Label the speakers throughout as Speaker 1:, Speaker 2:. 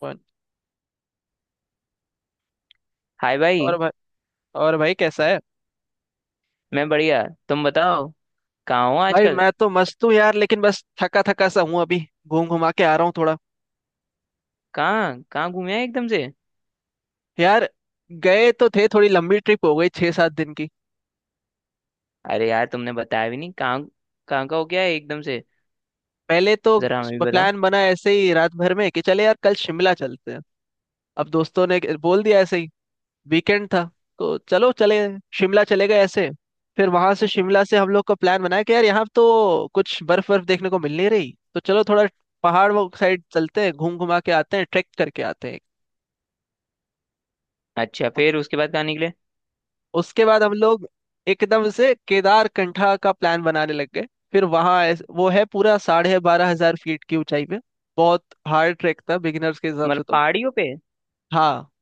Speaker 1: Phone.
Speaker 2: Hi
Speaker 1: और
Speaker 2: भाई।
Speaker 1: भाई। और भाई कैसा है?
Speaker 2: मैं बढ़िया। तुम बताओ कहाँ हो
Speaker 1: भाई
Speaker 2: आजकल।
Speaker 1: मैं तो मस्त हूँ यार, लेकिन बस थका थका सा हूँ अभी। घूम घुमा के आ रहा हूँ थोड़ा।
Speaker 2: कहाँ कहाँ घूमे हैं एकदम से।
Speaker 1: यार गए तो थे, थोड़ी लंबी ट्रिप हो गई, 6 7 दिन की।
Speaker 2: अरे यार तुमने बताया भी नहीं, कहाँ कहाँ का हो गया है एकदम से,
Speaker 1: पहले तो
Speaker 2: जरा हमें भी बताओ।
Speaker 1: प्लान बना ऐसे ही रात भर में कि चले यार कल शिमला चलते हैं। अब दोस्तों ने बोल दिया ऐसे ही, वीकेंड था तो चलो चले, शिमला चले गए ऐसे। फिर वहां से, शिमला से, हम लोग का प्लान बनाया कि यार यहाँ तो कुछ बर्फ बर्फ देखने को मिल नहीं रही, तो चलो थोड़ा पहाड़ वो साइड चलते हैं, घूम घुमा के आते हैं, ट्रैक करके आते हैं।
Speaker 2: अच्छा,
Speaker 1: अब
Speaker 2: फिर उसके बाद कहाँ निकले।
Speaker 1: उसके बाद हम लोग एकदम से केदार कंठा का प्लान बनाने लग गए। फिर वहां वो है पूरा 12,500 फीट की ऊंचाई पे। बहुत हार्ड ट्रैक था बिगिनर्स के हिसाब से
Speaker 2: मतलब
Speaker 1: तो।
Speaker 2: पहाड़ियों पे।
Speaker 1: हाँ।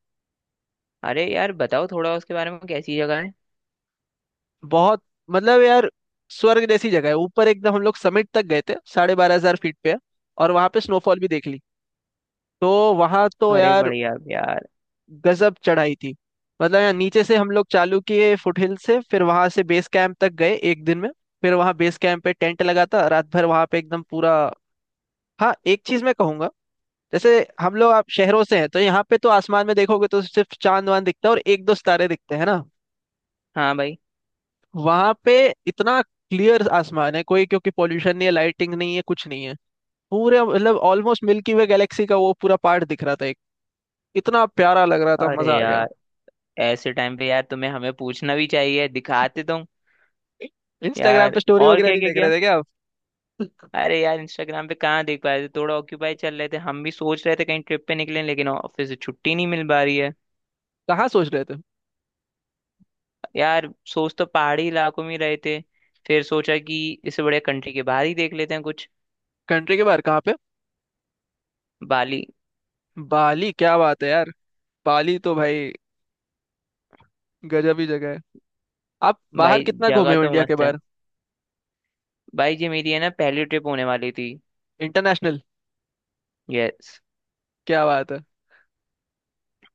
Speaker 2: अरे यार बताओ थोड़ा उसके बारे में, कैसी जगह है।
Speaker 1: बहुत, मतलब यार, स्वर्ग जैसी जगह है ऊपर। एकदम हम लोग समिट तक गए थे, 12,500 फीट पे है, और वहां पे स्नोफॉल भी देख ली। तो वहां तो
Speaker 2: अरे
Speaker 1: यार
Speaker 2: बढ़िया यार।
Speaker 1: गजब चढ़ाई थी। मतलब यार नीचे से हम लोग चालू किए, फुटहिल से, फिर वहां से बेस कैंप तक गए एक दिन में। फिर वहां बेस कैंप पे टेंट लगा था, रात भर वहां पे एकदम पूरा। हाँ, एक चीज मैं कहूंगा, जैसे हम लोग, आप शहरों से हैं तो यहाँ पे तो आसमान में देखोगे तो सिर्फ चांद वांद दिखता है और एक दो सितारे दिखते हैं ना।
Speaker 2: हाँ भाई।
Speaker 1: वहां पे इतना क्लियर आसमान है, कोई, क्योंकि पोल्यूशन नहीं है, लाइटिंग नहीं है, कुछ नहीं है। पूरे, मतलब ऑलमोस्ट मिल्की वे गैलेक्सी का वो पूरा पार्ट दिख रहा था एक। इतना प्यारा लग रहा था,
Speaker 2: अरे
Speaker 1: मजा आ गया।
Speaker 2: यार ऐसे टाइम पे यार तुम्हें हमें पूछना भी चाहिए, दिखाते तुम।
Speaker 1: इंस्टाग्राम
Speaker 2: यार,
Speaker 1: पे स्टोरी
Speaker 2: और
Speaker 1: वगैरह
Speaker 2: क्या
Speaker 1: नहीं
Speaker 2: क्या
Speaker 1: देख
Speaker 2: क्या
Speaker 1: रहे थे क्या आप?
Speaker 2: अरे यार इंस्टाग्राम पे कहाँ देख पा रहे थे, थोड़ा ऑक्यूपाई चल रहे थे। हम भी सोच रहे थे कहीं ट्रिप पे निकलें लेकिन ऑफिस से छुट्टी नहीं मिल पा रही है।
Speaker 1: कहाँ सोच रहे थे?
Speaker 2: यार सोच तो पहाड़ी इलाकों में ही रहे थे, फिर सोचा कि इससे बढ़िया कंट्री के बाहर ही देख लेते हैं कुछ।
Speaker 1: कंट्री के बाहर कहाँ पे?
Speaker 2: बाली।
Speaker 1: बाली? क्या बात है यार, बाली तो भाई गजब ही जगह है। आप बाहर
Speaker 2: भाई
Speaker 1: कितना
Speaker 2: जगह
Speaker 1: घूमे हो,
Speaker 2: तो
Speaker 1: इंडिया के
Speaker 2: मस्त है।
Speaker 1: बाहर?
Speaker 2: भाई ये मेरी है ना पहली ट्रिप होने वाली थी।
Speaker 1: इंटरनेशनल?
Speaker 2: यस।
Speaker 1: क्या बात है।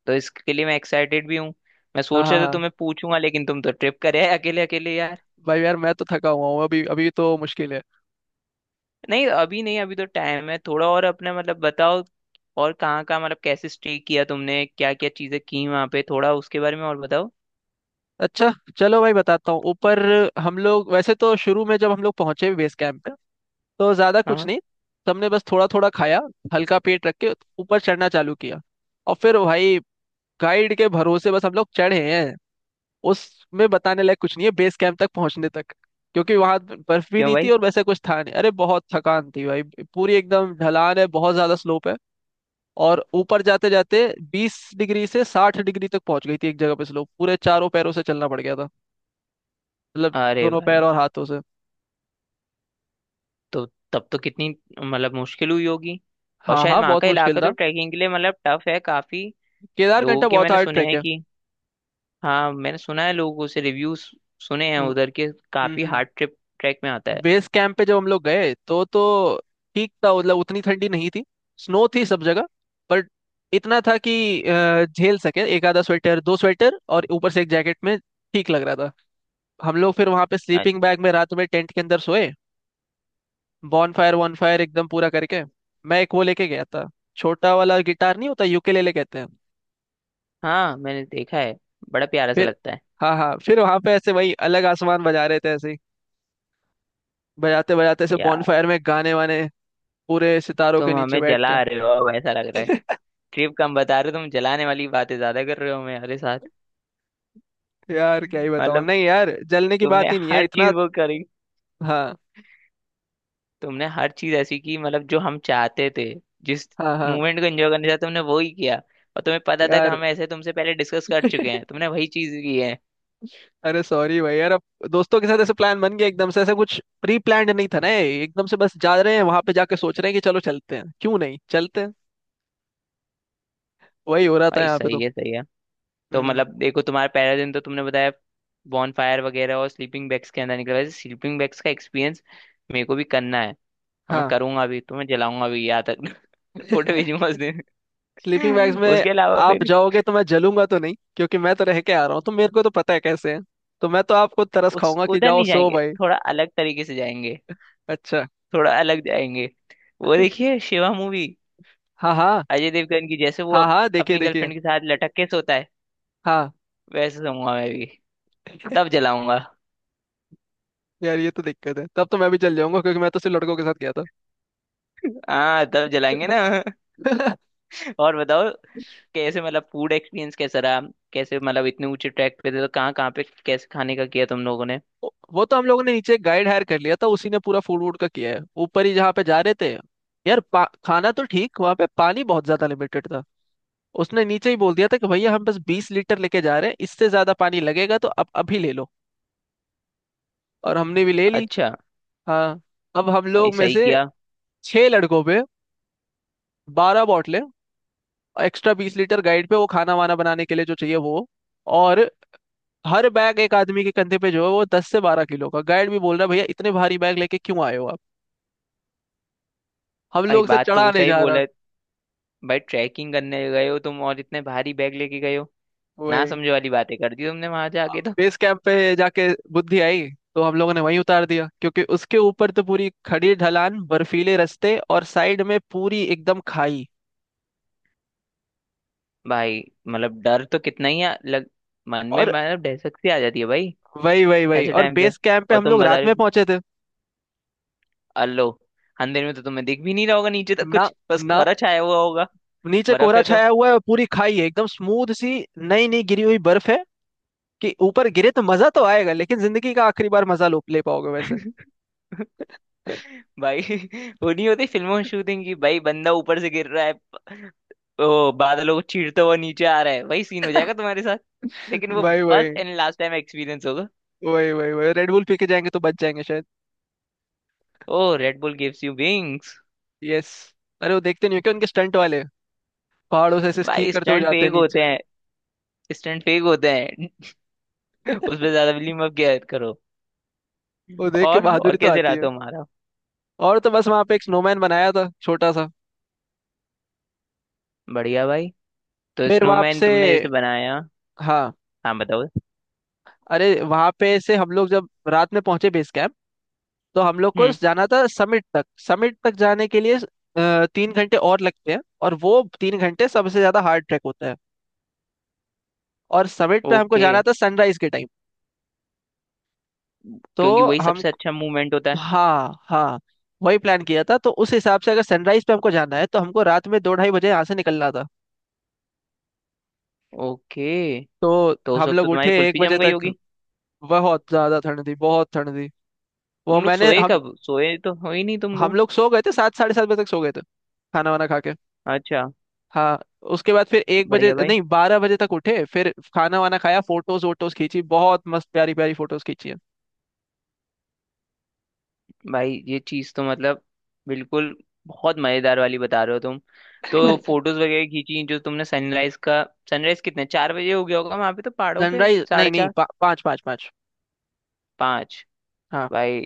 Speaker 2: तो इसके लिए मैं एक्साइटेड भी हूँ। मैं
Speaker 1: हाँ
Speaker 2: सोच
Speaker 1: हाँ
Speaker 2: रहा था
Speaker 1: हाँ।
Speaker 2: तुम्हें पूछूंगा, लेकिन तुम तो ट्रिप करे अकेले अकेले यार।
Speaker 1: भाई यार मैं तो थका हुआ हूँ अभी, अभी तो मुश्किल है।
Speaker 2: नहीं, अभी नहीं, अभी तो टाइम है थोड़ा और, अपना मतलब बताओ। और कहाँ कहाँ मतलब कैसे स्टे किया तुमने, क्या क्या चीजें की वहां पे, थोड़ा उसके बारे में और बताओ।
Speaker 1: अच्छा, चलो भाई बताता हूँ। ऊपर हम लोग वैसे तो शुरू में, जब हम लोग पहुंचे बेस कैंप पे, तो ज्यादा कुछ
Speaker 2: हाँ।
Speaker 1: नहीं। सबने बस थोड़ा थोड़ा खाया, हल्का पेट रख के ऊपर चढ़ना चालू किया। और फिर भाई गाइड के भरोसे बस हम लोग चढ़े हैं। उसमें बताने लायक कुछ नहीं है बेस कैंप तक पहुंचने तक, क्योंकि वहां बर्फ भी
Speaker 2: क्यों
Speaker 1: नहीं थी
Speaker 2: भाई।
Speaker 1: और वैसे कुछ था नहीं। अरे बहुत थकान थी भाई। पूरी एकदम ढलान है, बहुत ज्यादा स्लोप है। और ऊपर जाते जाते 20 डिग्री से 60 डिग्री तक पहुंच गई थी एक जगह पे स्लोप। पूरे चारों पैरों से चलना पड़ गया था, मतलब
Speaker 2: अरे
Speaker 1: दोनों पैर
Speaker 2: भाई।
Speaker 1: और हाथों से।
Speaker 2: तो तब तो कितनी मतलब मुश्किल हुई होगी। और
Speaker 1: हाँ
Speaker 2: शायद
Speaker 1: हाँ,
Speaker 2: वहाँ
Speaker 1: बहुत
Speaker 2: का
Speaker 1: मुश्किल
Speaker 2: इलाका
Speaker 1: था।
Speaker 2: तो ट्रैकिंग के लिए मतलब टफ है काफी। लोगों
Speaker 1: केदारकंठा
Speaker 2: के
Speaker 1: बहुत
Speaker 2: मैंने
Speaker 1: हार्ड
Speaker 2: सुने
Speaker 1: ट्रैक
Speaker 2: हैं
Speaker 1: है।
Speaker 2: कि, हाँ मैंने सुना है, लोगों से रिव्यूज सुने हैं
Speaker 1: हम्म।
Speaker 2: उधर के। काफी
Speaker 1: हम्म।
Speaker 2: हार्ड ट्रिप ट्रैक में आता है।
Speaker 1: बेस कैंप पे जब हम लोग गए तो ठीक था, मतलब उतनी ठंडी नहीं थी। स्नो थी सब जगह, बट इतना था कि झेल सके एक आधा स्वेटर, दो स्वेटर और ऊपर से एक जैकेट में ठीक लग रहा था। हम लोग फिर वहां पे
Speaker 2: अ-
Speaker 1: स्लीपिंग बैग में रात में टेंट के अंदर सोए। बॉन फायर, वन फायर एकदम पूरा करके। मैं एक वो लेके गया था, छोटा वाला गिटार नहीं होता, यूकेलेले कहते हैं।
Speaker 2: हाँ मैंने देखा है, बड़ा प्यारा सा
Speaker 1: फिर
Speaker 2: लगता है।
Speaker 1: हाँ हाँ, फिर वहां पे ऐसे वही, अलग आसमान बजा रहे थे ऐसे ही। बजाते बजाते ऐसे बॉन
Speaker 2: यार
Speaker 1: फायर में गाने वाने, पूरे सितारों के
Speaker 2: तुम
Speaker 1: नीचे
Speaker 2: हमें
Speaker 1: बैठ के।
Speaker 2: जला रहे हो अब, ऐसा लग रहा है। ट्रिप कम बता रहे हो, तुम जलाने वाली बातें ज्यादा कर रहे हो हमारे साथ।
Speaker 1: यार क्या ही बताऊं,
Speaker 2: मतलब
Speaker 1: नहीं यार जलने की
Speaker 2: तुमने
Speaker 1: बात ही नहीं है
Speaker 2: हर
Speaker 1: इतना।
Speaker 2: चीज वो करी।
Speaker 1: हाँ
Speaker 2: तुमने हर चीज ऐसी की मतलब, जो हम चाहते थे, जिस
Speaker 1: हाँ हाँ।
Speaker 2: मूवमेंट को एंजॉय करना चाहते तुमने वो ही किया। और तुम्हें पता था कि
Speaker 1: यार
Speaker 2: हम ऐसे तुमसे पहले डिस्कस कर चुके हैं, तुमने वही चीज की है।
Speaker 1: अरे सॉरी भाई यार, अब दोस्तों के साथ ऐसे प्लान बन गया एकदम से, ऐसा कुछ प्री प्लान्ड नहीं था ना ये, एकदम से बस जा रहे हैं, वहां पे जाके सोच रहे हैं कि चलो चलते हैं, क्यों नहीं चलते हैं। वही हो रहा था
Speaker 2: भाई
Speaker 1: यहाँ पे
Speaker 2: सही
Speaker 1: तो।
Speaker 2: है, सही है। तो
Speaker 1: हम्म।
Speaker 2: मतलब देखो तुम्हारा पहला दिन तो तुमने बताया, बॉन फायर वगैरह और स्लीपिंग बैग्स के अंदर निकला। वैसे स्लीपिंग बैग्स का एक्सपीरियंस मेरे को भी करना है। और मैं
Speaker 1: हाँ,
Speaker 2: करूंगा भी, तुम्हें जलाऊंगा भी यहाँ तक। फोटो भेजूंगा उस दिन।
Speaker 1: स्लीपिंग बैग्स में।
Speaker 2: उसके अलावा
Speaker 1: आप
Speaker 2: फिर
Speaker 1: जाओगे तो मैं जलूंगा तो नहीं, क्योंकि मैं तो रह के आ रहा हूँ, तो मेरे को तो पता है कैसे है। तो मैं तो आपको तरस
Speaker 2: उस
Speaker 1: खाऊंगा कि
Speaker 2: उधर
Speaker 1: जाओ
Speaker 2: नहीं
Speaker 1: सो
Speaker 2: जाएंगे,
Speaker 1: भाई।
Speaker 2: थोड़ा अलग तरीके से जाएंगे।
Speaker 1: अच्छा।
Speaker 2: थोड़ा अलग जाएंगे। वो देखिए शिवा मूवी,
Speaker 1: हाँ हाँ।
Speaker 2: अजय देवगन की। जैसे वो
Speaker 1: हाँ हाँ, देखिए
Speaker 2: अपनी
Speaker 1: देखिए।
Speaker 2: गर्लफ्रेंड के साथ लटक के सोता है,
Speaker 1: हाँ।
Speaker 2: वैसे सोऊंगा मैं भी। तब जलाऊंगा।
Speaker 1: यार ये तो दिक्कत है, तब तो मैं भी चल जाऊंगा, क्योंकि मैं तो सिर्फ लड़कों के साथ गया
Speaker 2: हाँ तब जलाएंगे ना।
Speaker 1: था।
Speaker 2: और बताओ, कैसे मतलब फूड एक्सपीरियंस कैसा रहा। कैसे मतलब इतने ऊंचे ट्रैक पे थे तो कहाँ कहाँ पे कैसे खाने का किया तुम लोगों ने।
Speaker 1: वो तो हम लोगों ने नीचे गाइड हायर कर लिया था, उसी ने पूरा फूड वूड का किया है। ऊपर ही जहाँ पे जा रहे थे। यार खाना तो ठीक, वहाँ पे पानी बहुत ज्यादा लिमिटेड था। उसने नीचे ही बोल दिया था कि भैया हम बस 20 लीटर लेके जा रहे हैं, इससे ज्यादा पानी लगेगा तो अब अभी ले लो। और हमने भी ले ली।
Speaker 2: अच्छा।
Speaker 1: हाँ। अब हम
Speaker 2: भाई
Speaker 1: लोग में
Speaker 2: सही
Speaker 1: से,
Speaker 2: किया।
Speaker 1: छह लड़कों पे 12 बॉटलें, एक्स्ट्रा 20 लीटर गाइड पे वो, खाना वाना बनाने के लिए जो चाहिए वो। और हर बैग एक आदमी के कंधे पे जो है वो 10 से 12 किलो का। गाइड भी बोल रहा है, भैया इतने भारी बैग लेके क्यों आए हो आप, हम
Speaker 2: भाई
Speaker 1: लोग से
Speaker 2: बात तो वो
Speaker 1: चढ़ाने
Speaker 2: सही
Speaker 1: जा रहा।
Speaker 2: बोला है। भाई ट्रैकिंग करने गए हो तुम और इतने भारी बैग लेके गए हो, ना
Speaker 1: वही।
Speaker 2: समझे वाली बातें कर दी तुमने वहां
Speaker 1: अब
Speaker 2: जाके तो।
Speaker 1: बेस कैंप पे जाके बुद्धि आई, तो हम लोगों ने वहीं उतार दिया, क्योंकि उसके ऊपर तो पूरी खड़ी ढलान, बर्फीले रास्ते और साइड में पूरी एकदम खाई।
Speaker 2: भाई मतलब डर तो कितना ही लग मन में
Speaker 1: और
Speaker 2: मतलब दहशत सी आ जाती है भाई।
Speaker 1: वही वही वही,
Speaker 2: ऐसे
Speaker 1: और
Speaker 2: टाइम पे,
Speaker 1: बेस कैंप पे
Speaker 2: और
Speaker 1: हम
Speaker 2: तुम
Speaker 1: लोग
Speaker 2: बता
Speaker 1: रात
Speaker 2: रहे
Speaker 1: में
Speaker 2: हो,
Speaker 1: पहुंचे थे।
Speaker 2: अल्लो अंधेरे में तो तुम्हें दिख भी नहीं रहा होगा नीचे तक
Speaker 1: ना
Speaker 2: कुछ, बस
Speaker 1: ना,
Speaker 2: कोहरा छाया हुआ होगा।
Speaker 1: नीचे
Speaker 2: बर्फ
Speaker 1: कोहरा
Speaker 2: है तो।
Speaker 1: छाया हुआ है और पूरी खाई है एकदम स्मूथ सी। नई नई गिरी हुई बर्फ है कि ऊपर गिरे तो मजा तो आएगा, लेकिन जिंदगी का आखिरी बार मजा लो, ले पाओगे वैसे।
Speaker 2: भाई वो नहीं होती फिल्मों में शूटिंग की, भाई बंदा ऊपर से गिर रहा है, ओ बादलों को चीरता हुआ नीचे आ रहा है, वही सीन हो जाएगा तुम्हारे साथ। लेकिन वो
Speaker 1: वही वही
Speaker 2: first and last time experience होगा।
Speaker 1: वही। वही वही रेड बुल पी के जाएंगे तो बच जाएंगे शायद।
Speaker 2: Oh, Red Bull gives you wings.
Speaker 1: Yes. अरे वो देखते नहीं हो क्या, उनके स्टंट वाले पहाड़ों से ऐसे स्की
Speaker 2: भाई
Speaker 1: करते हुए
Speaker 2: स्टंट
Speaker 1: जाते
Speaker 2: फेक
Speaker 1: हैं
Speaker 2: होते
Speaker 1: नीचे।
Speaker 2: हैं। स्टंट फेक होते हैं। उसमें ज्यादा बिलीव मत किया करो।
Speaker 1: वो देख के
Speaker 2: और
Speaker 1: बहादुरी तो
Speaker 2: कैसे
Speaker 1: आती
Speaker 2: रहा
Speaker 1: है।
Speaker 2: तुम्हारा।
Speaker 1: और तो बस वहां पे एक स्नोमैन बनाया था छोटा सा।
Speaker 2: बढ़िया भाई। तो
Speaker 1: फिर वहां
Speaker 2: स्नोमैन
Speaker 1: से।
Speaker 2: तुमने जैसे बनाया।
Speaker 1: हाँ।
Speaker 2: हाँ बताओ।
Speaker 1: अरे वहां पे से हम लोग जब रात में पहुंचे बेस कैंप, तो हम लोग को
Speaker 2: हम्म।
Speaker 1: जाना था समिट तक। समिट तक जाने के लिए 3 घंटे और लगते हैं, और वो 3 घंटे सबसे ज्यादा हार्ड ट्रैक होता है। और समिट पे हमको
Speaker 2: ओके,
Speaker 1: जाना था सनराइज के टाइम। तो
Speaker 2: क्योंकि वही
Speaker 1: हम।
Speaker 2: सबसे अच्छा मूवमेंट होता है।
Speaker 1: हाँ हाँ, वही प्लान किया था। तो उस हिसाब से अगर सनराइज पे हमको जाना है तो हमको रात में 2 ढाई बजे यहाँ से निकलना था।
Speaker 2: ओके।
Speaker 1: तो
Speaker 2: तो उस
Speaker 1: हम
Speaker 2: वक्त तो
Speaker 1: लोग उठे
Speaker 2: तुम्हारी
Speaker 1: एक
Speaker 2: कुल्फी
Speaker 1: बजे
Speaker 2: जम गई
Speaker 1: तक।
Speaker 2: होगी।
Speaker 1: बहुत ज्यादा ठंड थी, बहुत ठंड थी। वो
Speaker 2: तुम लोग
Speaker 1: मैंने
Speaker 2: सोए कब, सोए तो हो ही नहीं तुम
Speaker 1: हम
Speaker 2: लोग।
Speaker 1: लोग सो गए थे 7 साढ़े 7 बजे तक सो गए थे, खाना वाना खा के।
Speaker 2: अच्छा।
Speaker 1: हाँ। उसके बाद फिर 1 बजे,
Speaker 2: बढ़िया भाई।
Speaker 1: नहीं 12 बजे तक उठे, फिर खाना वाना खाया, फोटोज वोटोज खींची, बहुत मस्त प्यारी प्यारी फोटोज खींची है।
Speaker 2: भाई ये चीज़ तो मतलब बिल्कुल बहुत मज़ेदार वाली बता रहे हो तुम। तो फोटोज वगैरह खींची जो तुमने सनराइज का। सनराइज कितने, चार बजे हो गया होगा वहां पे तो, पहाड़ों पे
Speaker 1: सनराइज
Speaker 2: साढ़े
Speaker 1: नहीं नहीं,
Speaker 2: चार।
Speaker 1: पाँच पाँच पाँच।
Speaker 2: पाँच।
Speaker 1: हाँ।
Speaker 2: भाई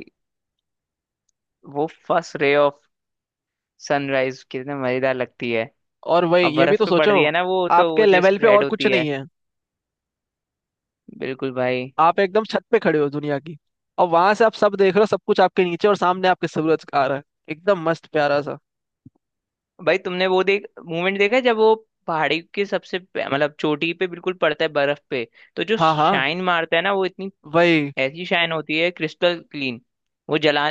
Speaker 2: वो फर्स्ट रे ऑफ सनराइज कितने मज़ेदार लगती है।
Speaker 1: और वही,
Speaker 2: और
Speaker 1: ये भी
Speaker 2: बर्फ
Speaker 1: तो
Speaker 2: पे पड़
Speaker 1: सोचो,
Speaker 2: रही है ना वो तो,
Speaker 1: आपके
Speaker 2: वो जो
Speaker 1: लेवल पे
Speaker 2: स्प्रेड
Speaker 1: और कुछ
Speaker 2: होती है।
Speaker 1: नहीं है।
Speaker 2: बिल्कुल भाई।
Speaker 1: आप एकदम छत पे खड़े हो दुनिया की, और वहां से आप सब देख रहे हो, सब कुछ आपके नीचे, और सामने आपके सूरज आ रहा है, एकदम मस्त प्यारा सा।
Speaker 2: भाई तुमने वो देख मूवमेंट देखा है जब वो पहाड़ी के सबसे मतलब चोटी पे बिल्कुल पड़ता है बर्फ पे, तो जो
Speaker 1: हाँ हाँ,
Speaker 2: शाइन मारता है ना वो इतनी,
Speaker 1: वही
Speaker 2: ऐसी शाइन होती है क्रिस्टल क्लीन। वो जला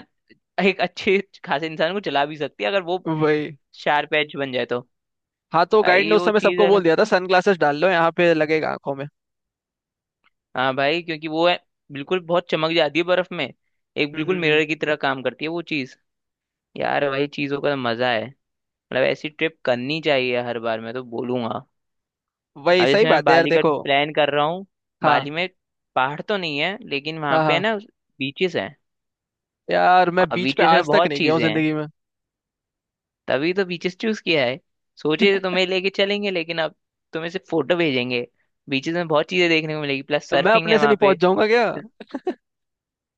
Speaker 2: एक अच्छे खासे इंसान को जला भी सकती है अगर वो
Speaker 1: वही।
Speaker 2: शार्प एज बन जाए तो।
Speaker 1: हाँ, तो गाइड ने
Speaker 2: भाई
Speaker 1: उस
Speaker 2: वो
Speaker 1: समय
Speaker 2: चीज
Speaker 1: सबको
Speaker 2: है
Speaker 1: बोल
Speaker 2: ना।
Speaker 1: दिया था सनग्लासेस डाल लो, यहाँ पे लगेगा आंखों में।
Speaker 2: हाँ भाई क्योंकि वो है बिल्कुल, बहुत चमक जाती है बर्फ में, एक
Speaker 1: हम्म हम्म,
Speaker 2: बिल्कुल
Speaker 1: हम्म।
Speaker 2: मिरर की तरह काम करती है वो चीज। यार भाई चीजों का मजा है, मतलब ऐसी ट्रिप करनी चाहिए हर बार मैं तो बोलूंगा।
Speaker 1: वही
Speaker 2: अब
Speaker 1: सही
Speaker 2: जैसे मैं
Speaker 1: बात है यार,
Speaker 2: बाली का
Speaker 1: देखो।
Speaker 2: प्लान कर रहा हूँ।
Speaker 1: हाँ
Speaker 2: बाली में पहाड़ तो नहीं है लेकिन वहां
Speaker 1: हाँ
Speaker 2: पे है
Speaker 1: हाँ।
Speaker 2: ना बीचेस हैं।
Speaker 1: यार मैं
Speaker 2: और
Speaker 1: बीच पे
Speaker 2: बीचेस में
Speaker 1: आज तक
Speaker 2: बहुत
Speaker 1: नहीं गया हूँ
Speaker 2: चीजें हैं,
Speaker 1: जिंदगी में।
Speaker 2: तभी तो बीचेस चूज किया है। सोचे थे तुम्हें लेके चलेंगे लेकिन अब तुम्हें सिर्फ फोटो भेजेंगे। बीचेस में बहुत चीजें देखने को मिलेगी, प्लस
Speaker 1: तो मैं
Speaker 2: सर्फिंग है
Speaker 1: अपने से
Speaker 2: वहां
Speaker 1: नहीं पहुंच
Speaker 2: पे।
Speaker 1: जाऊंगा क्या?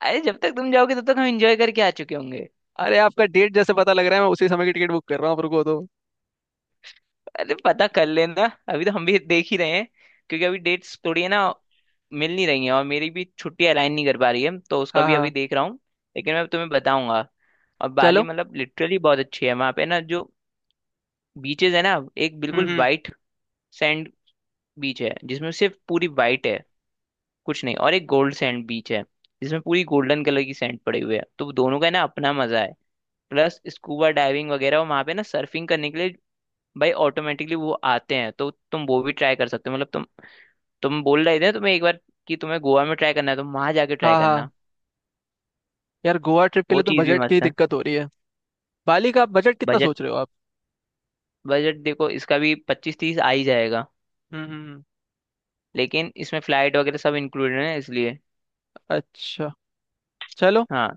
Speaker 2: अरे जब तक तुम जाओगे तब तक हम एंजॉय करके आ चुके होंगे।
Speaker 1: अरे आपका डेट जैसे पता लग रहा है, मैं उसी समय की टिकट बुक कर रहा हूँ, आप रुको तो।
Speaker 2: अरे पता कर लेना, अभी तो हम भी देख ही रहे हैं। क्योंकि अभी डेट्स थोड़ी है ना, मिल नहीं रही है और मेरी भी छुट्टी अलाइन नहीं कर पा रही है तो उसका
Speaker 1: हाँ
Speaker 2: भी अभी
Speaker 1: हाँ।
Speaker 2: देख रहा हूँ। लेकिन मैं तुम्हें बताऊंगा। और बाली
Speaker 1: चलो।
Speaker 2: मतलब लिटरली बहुत अच्छी है, वहां पे ना जो बीचेस है ना, एक बिल्कुल
Speaker 1: हम्म।
Speaker 2: वाइट सैंड बीच है जिसमें सिर्फ पूरी वाइट है कुछ नहीं, और एक गोल्ड सैंड बीच है जिसमें पूरी गोल्डन कलर की सैंड पड़ी हुई है तो वो दोनों का ना अपना मजा है। प्लस स्कूबा डाइविंग वगैरह, और वहां पे ना सर्फिंग करने के लिए भाई ऑटोमेटिकली वो आते हैं तो तुम वो भी ट्राई कर सकते हो। मतलब तुम बोल रहे थे ना तुम्हें एक बार कि तुम्हें गोवा में ट्राई करना है तो वहां जाके ट्राई
Speaker 1: हाँ हाँ।
Speaker 2: करना।
Speaker 1: यार गोवा ट्रिप के
Speaker 2: वो
Speaker 1: लिए तो
Speaker 2: चीज़ भी
Speaker 1: बजट की
Speaker 2: मस्त है।
Speaker 1: दिक्कत हो रही है। बाली का बजट कितना
Speaker 2: बजट।
Speaker 1: सोच रहे हो आप?
Speaker 2: बजट देखो इसका भी 25-30 आ ही जाएगा,
Speaker 1: हम्म हम्म हम्म,
Speaker 2: लेकिन इसमें फ्लाइट वगैरह सब इंक्लूडेड है इसलिए।
Speaker 1: अच्छा। चलो
Speaker 2: हाँ।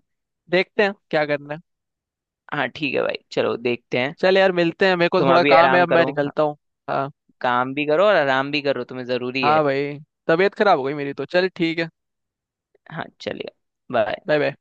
Speaker 1: देखते हैं क्या करना है।
Speaker 2: हाँ ठीक है भाई चलो देखते हैं।
Speaker 1: चल यार मिलते हैं, मेरे को
Speaker 2: तुम
Speaker 1: थोड़ा
Speaker 2: अभी
Speaker 1: काम है,
Speaker 2: आराम
Speaker 1: अब मैं
Speaker 2: करो हाँ,
Speaker 1: निकलता हूँ। हाँ।
Speaker 2: काम भी करो और आराम भी करो तुम्हें ज़रूरी
Speaker 1: हाँ
Speaker 2: है।
Speaker 1: भाई, तबीयत खराब हो गई मेरी, तो चल ठीक है।
Speaker 2: हाँ चलिए। बाय।
Speaker 1: Bye bye.